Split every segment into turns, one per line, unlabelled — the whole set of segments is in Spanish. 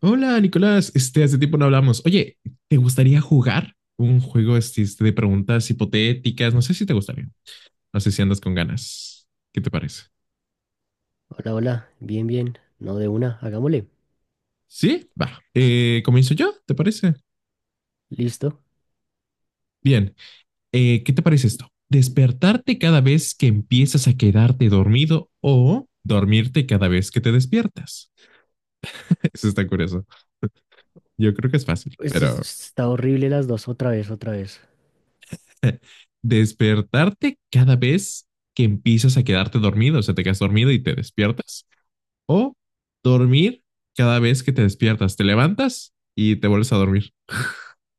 Hola, Nicolás. Este, hace tiempo no hablamos. Oye, ¿te gustaría jugar un juego de preguntas hipotéticas? No sé si te gustaría. No sé si andas con ganas. ¿Qué te parece?
Hola, hola, bien, bien, no de una, hagámosle.
Sí, va. Comienzo yo, ¿te parece?
Listo.
Bien. ¿Qué te parece esto? Despertarte cada vez que empiezas a quedarte dormido o dormirte cada vez que te despiertas. Eso está curioso. Yo creo que es fácil,
Esto es-
pero
Está horrible las dos, otra vez, otra vez.
despertarte cada vez que empiezas a quedarte dormido, o sea, te quedas dormido y te despiertas. O dormir cada vez que te despiertas. Te levantas y te vuelves a dormir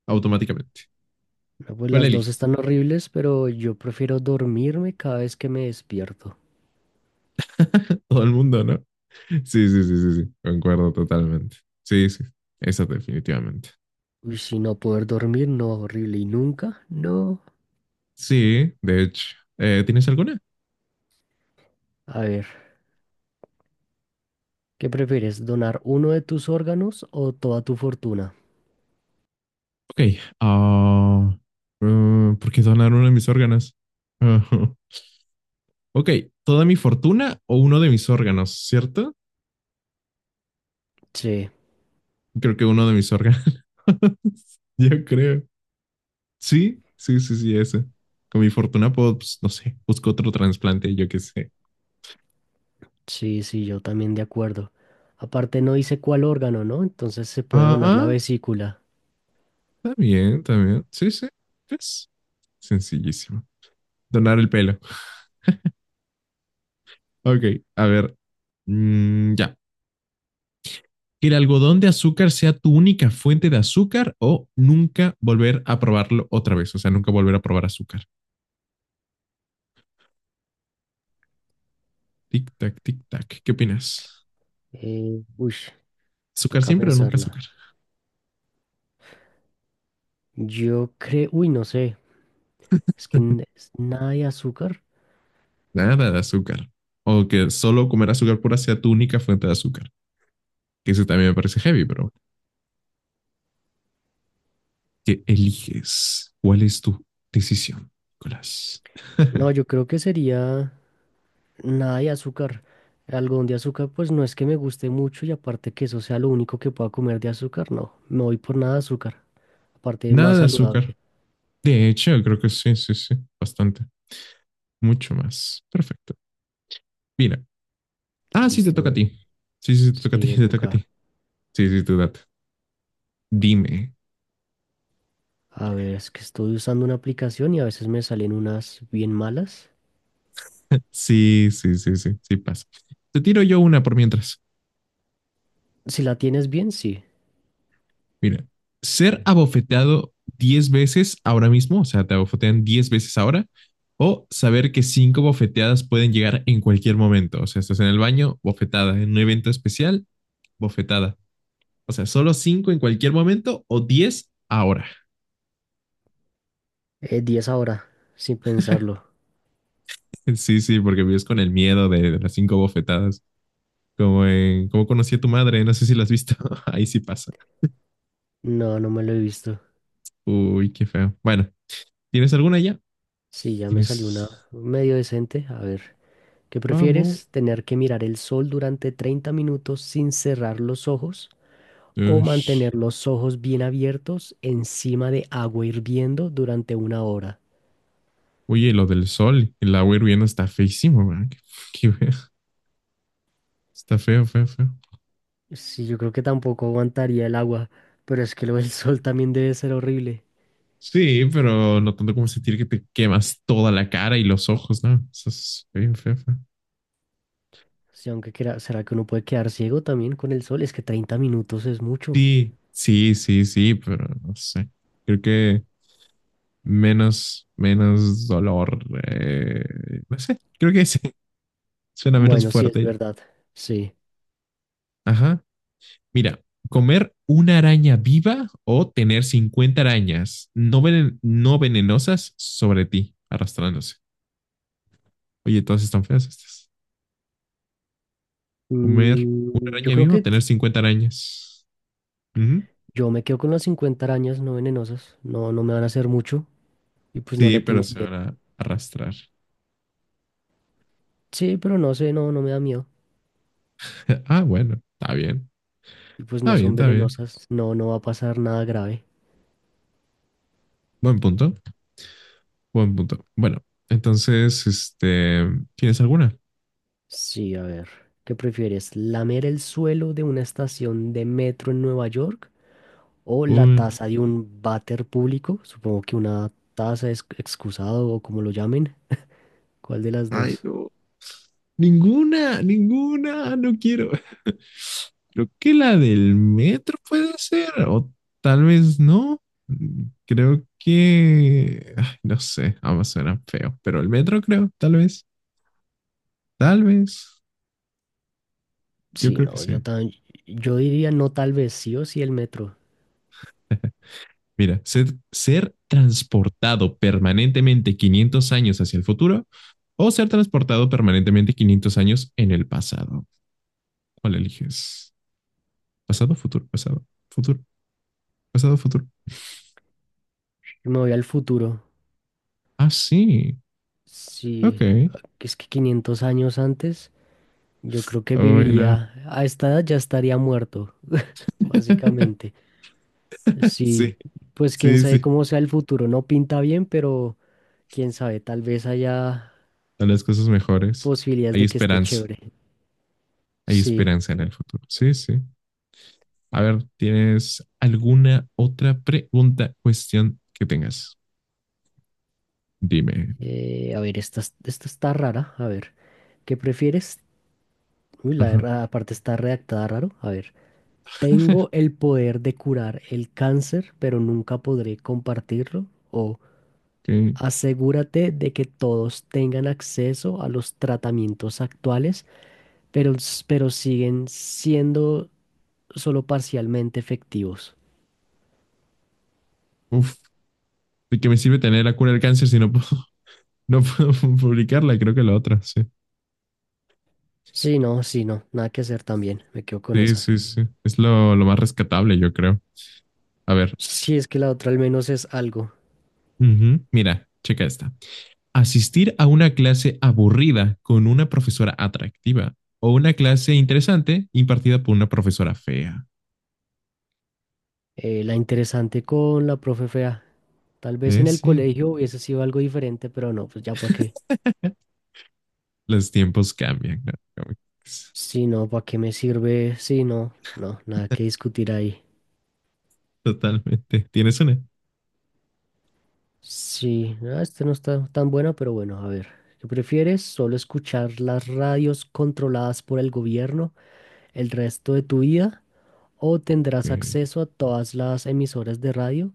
automáticamente.
No, pues
¿Cuál
las dos
eliges?
están horribles, pero yo prefiero dormirme cada vez que me despierto.
Todo el mundo, ¿no? Sí, sí, sí, sí, sí. Concuerdo totalmente. Sí, sí. Esa definitivamente.
Uy, si no poder dormir, no, horrible, y nunca, no.
Sí, de hecho. ¿Tienes alguna?
A ver, ¿qué prefieres, donar uno de tus órganos o toda tu fortuna?
Ok. ah, ¿por qué donar uno de mis órganos? Ujú. Ok. ¿Toda mi fortuna o uno de mis órganos, cierto?
Sí,
Creo que uno de mis órganos. Yo creo. Sí, sí, sí, sí, esa. Con mi fortuna puedo, pues, no sé, busco otro trasplante, yo qué sé.
sí, sí, yo también de acuerdo. Aparte no dice cuál órgano, ¿no? Entonces se puede donar la
Ajá,
vesícula.
está bien, está bien. Sí, sí, es sencillísimo. Donar el pelo. Ok, a ver, ya. Que el algodón de azúcar sea tu única fuente de azúcar o nunca volver a probarlo otra vez, o sea, nunca volver a probar azúcar. Tic tac, tic tac. ¿Qué opinas?
Uy,
¿Azúcar
toca
siempre o nunca
pensarla.
azúcar?
Yo creo, uy, no sé, es nada de azúcar.
Nada de azúcar. O que solo comer azúcar pura sea tu única fuente de azúcar. Que eso también me parece heavy, pero bueno. Que eliges cuál es tu decisión, Nicolás.
No, yo creo que sería nada de azúcar. El algodón de azúcar, pues no es que me guste mucho y aparte que eso sea lo único que pueda comer de azúcar, no, me voy por nada de azúcar, aparte
Nada
más
de azúcar.
saludable.
De hecho, creo que sí, sí, sí, bastante. Mucho más. Perfecto. Mira. Ah, sí, te toca a
Listo,
ti. Sí, sí, sí, te toca a
sí,
ti,
me
te toca a
toca.
ti. Sí, sí, tú date. Dime.
A ver, es que estoy usando una aplicación y a veces me salen unas bien malas.
Sí, sí, sí, sí, sí pasa. Te tiro yo una por mientras.
Si la tienes bien, sí.
Mira, ser abofeteado 10 veces ahora mismo, o sea, te abofetean 10 veces ahora, o saber que cinco bofeteadas pueden llegar en cualquier momento. O sea, estás en el baño, bofetada, en un evento especial, bofetada. O sea, solo cinco en cualquier momento o 10 ahora.
10 ahora, sin pensarlo.
Sí, sí, porque vives con el miedo de las cinco bofetadas. Como en Cómo conocí a tu madre, no sé si la has visto. Ahí sí pasa.
No, no me lo he visto.
Uy, qué feo. Bueno, ¿tienes alguna ya?
Sí, ya me salió
Tienes.
una medio decente. A ver. ¿Qué
Vamos.
prefieres? ¿Tener que mirar el sol durante 30 minutos sin cerrar los ojos o
Ush.
mantener los ojos bien abiertos encima de agua hirviendo durante una hora?
Oye, lo del sol, el agua hirviendo está feísimo, ¿verdad? Qué feo. Está feo, feo, feo.
Sí, yo creo que tampoco aguantaría el agua, pero es que lo del sol también debe ser horrible.
Sí, pero no tanto como sentir que te quemas toda la cara y los ojos, ¿no? Eso es bien feo, feo.
Sí, ¿será que uno puede quedar ciego también con el sol? Es que 30 minutos es mucho.
Sí, sí, sí, sí, pero no sé. Creo que menos dolor. eh, no sé, creo que sí, suena menos
Bueno, sí, es
fuerte.
verdad. Sí.
Ajá. Mira, comer una araña viva o tener 50 arañas no, no venenosas sobre ti, arrastrándose. Oye, todas están feas estas. Comer una
Mm, yo
araña
creo
viva o
que t-
tener 50 arañas. Ujú.
yo me quedo con las 50 arañas no venenosas. No, no me van a hacer mucho y pues no
Sí,
le
pero
tengo
se
miedo.
van a arrastrar.
Sí, pero no sé, no, no me da miedo.
Ah, bueno, está bien.
Y pues
Está
no
bien,
son
está bien.
venenosas, no, no va a pasar nada grave.
Buen punto. Buen punto. Bueno, entonces, este, ¿tienes alguna?
Sí, a ver, ¿qué prefieres? ¿Lamer el suelo de una estación de metro en Nueva York o la
Uy,
taza de un váter público? Supongo que una taza es excusado o como lo llamen. ¿Cuál de las
ay,
dos?
no. Ninguna, ninguna, no quiero. Creo que la del metro puede ser, o tal vez no. Creo que, ay, no sé, ambas suenan feo, pero el metro creo, tal vez, tal vez. Yo
Sí,
creo que
no,
sí.
yo diría no tal vez sí o sí el metro.
Mira, ser transportado permanentemente 500 años hacia el futuro o ser transportado permanentemente 500 años en el pasado. ¿Cuál eliges? Pasado, futuro, pasado, futuro, pasado, futuro.
Me voy al futuro.
Ah, sí. Ok.
Sí, que es que 500 años antes, yo creo que
Buena.
viviría, a esta edad ya estaría muerto. Básicamente,
Sí,
sí, pues quién
sí,
sabe
sí.
cómo sea el futuro, no pinta bien, pero quién sabe, tal vez haya
A las cosas mejores.
posibilidades
Hay
de que esté
esperanza.
chévere.
Hay
Sí,
esperanza en el futuro. Sí, sí. A ver, ¿tienes alguna otra pregunta, cuestión que tengas? Dime.
a ver, esta, esta está rara, a ver, ¿qué prefieres? Uy,
Ajá.
aparte está redactada raro, a ver, tengo el poder de curar el cáncer, pero nunca podré compartirlo, o
Que,
asegúrate de que todos tengan acceso a los tratamientos actuales pero, pero siguen siendo solo parcialmente efectivos.
uf, ¿de qué me sirve tener la cura del cáncer si no puedo, no puedo publicarla? Creo que la otra, sí.
Sí, no, sí, no, nada que hacer también, me quedo con
Sí,
esa.
sí, sí. Es lo más rescatable, yo creo. A ver,
Sí, es que la otra al menos es algo.
ujú, mira, checa esta. Asistir a una clase aburrida con una profesora atractiva o una clase interesante impartida por una profesora fea.
La interesante con la profe fea. Tal vez en el
Sí.
colegio hubiese sido algo diferente, pero no, pues ya para qué.
Los tiempos cambian, ¿no? Como sí.
Sí, no, ¿para qué me sirve? Sí, no, no, nada que discutir ahí.
Totalmente. ¿Tienes una?
Sí, ah, este no está tan buena, pero bueno, a ver. ¿Qué prefieres? ¿Solo escuchar las radios controladas por el gobierno el resto de tu vida o tendrás
Ok.
acceso a todas las emisoras de radio,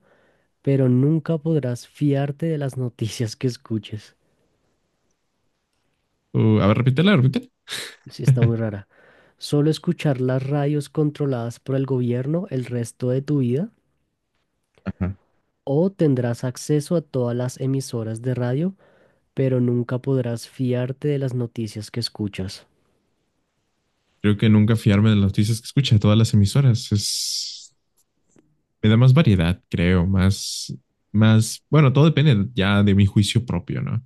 pero nunca podrás fiarte de las noticias que escuches?
A ver, repítela, repítela.
Sí, está muy rara. ¿Solo escuchar las radios controladas por el gobierno el resto de tu vida o tendrás acceso a todas las emisoras de radio, pero nunca podrás fiarte de las noticias que escuchas?
Creo que nunca fiarme de las noticias que escucha todas las emisoras. Es, me da más variedad, creo, más, bueno, todo depende ya de mi juicio propio, ¿no?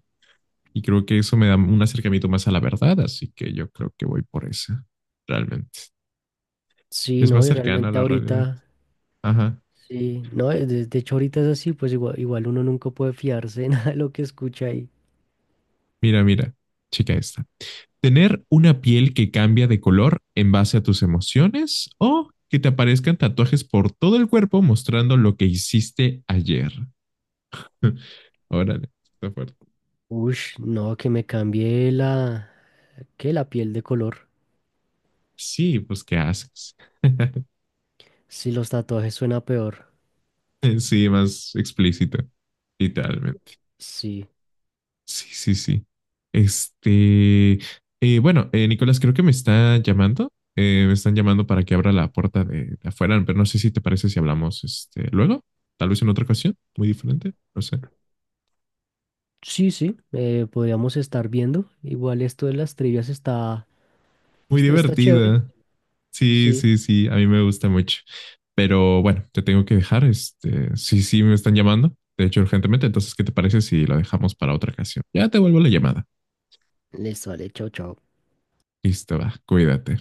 Y creo que eso me da un acercamiento más a la verdad, así que yo creo que voy por esa, realmente.
Sí,
Es más
no, y
cercana a
realmente
la realidad.
ahorita,
Ajá.
sí, no, de hecho ahorita es así, pues igual, igual uno nunca puede fiarse de nada de lo que escucha ahí.
Mira, mira, chica esta. ¿Tener una piel que cambia de color en base a tus emociones o que te aparezcan tatuajes por todo el cuerpo mostrando lo que hiciste ayer? Órale, está fuerte.
Ush, no, que me cambie la... ¿Qué? La piel de color.
Sí, pues ¿qué haces?
Si los tatuajes suena peor.
Sí, más explícito, literalmente.
Sí.
Sí, sí, sí. Este, bueno, Nicolás, creo que me está llamando. Me están llamando para que abra la puerta de afuera, pero no sé si te parece si hablamos este, luego, tal vez en otra ocasión, muy diferente, no sé.
Sí, sí, podríamos estar viendo. Igual esto de las trivias
Muy
está chévere.
divertida. Sí,
Sí.
sí, sí, a mí me gusta mucho. Pero bueno, te tengo que dejar. Este, sí, sí, me están llamando, de hecho, urgentemente. Entonces, ¿qué te parece si lo dejamos para otra ocasión? Ya te vuelvo la llamada.
Listo, vale, chao, chao.
Listo, va, cuídate.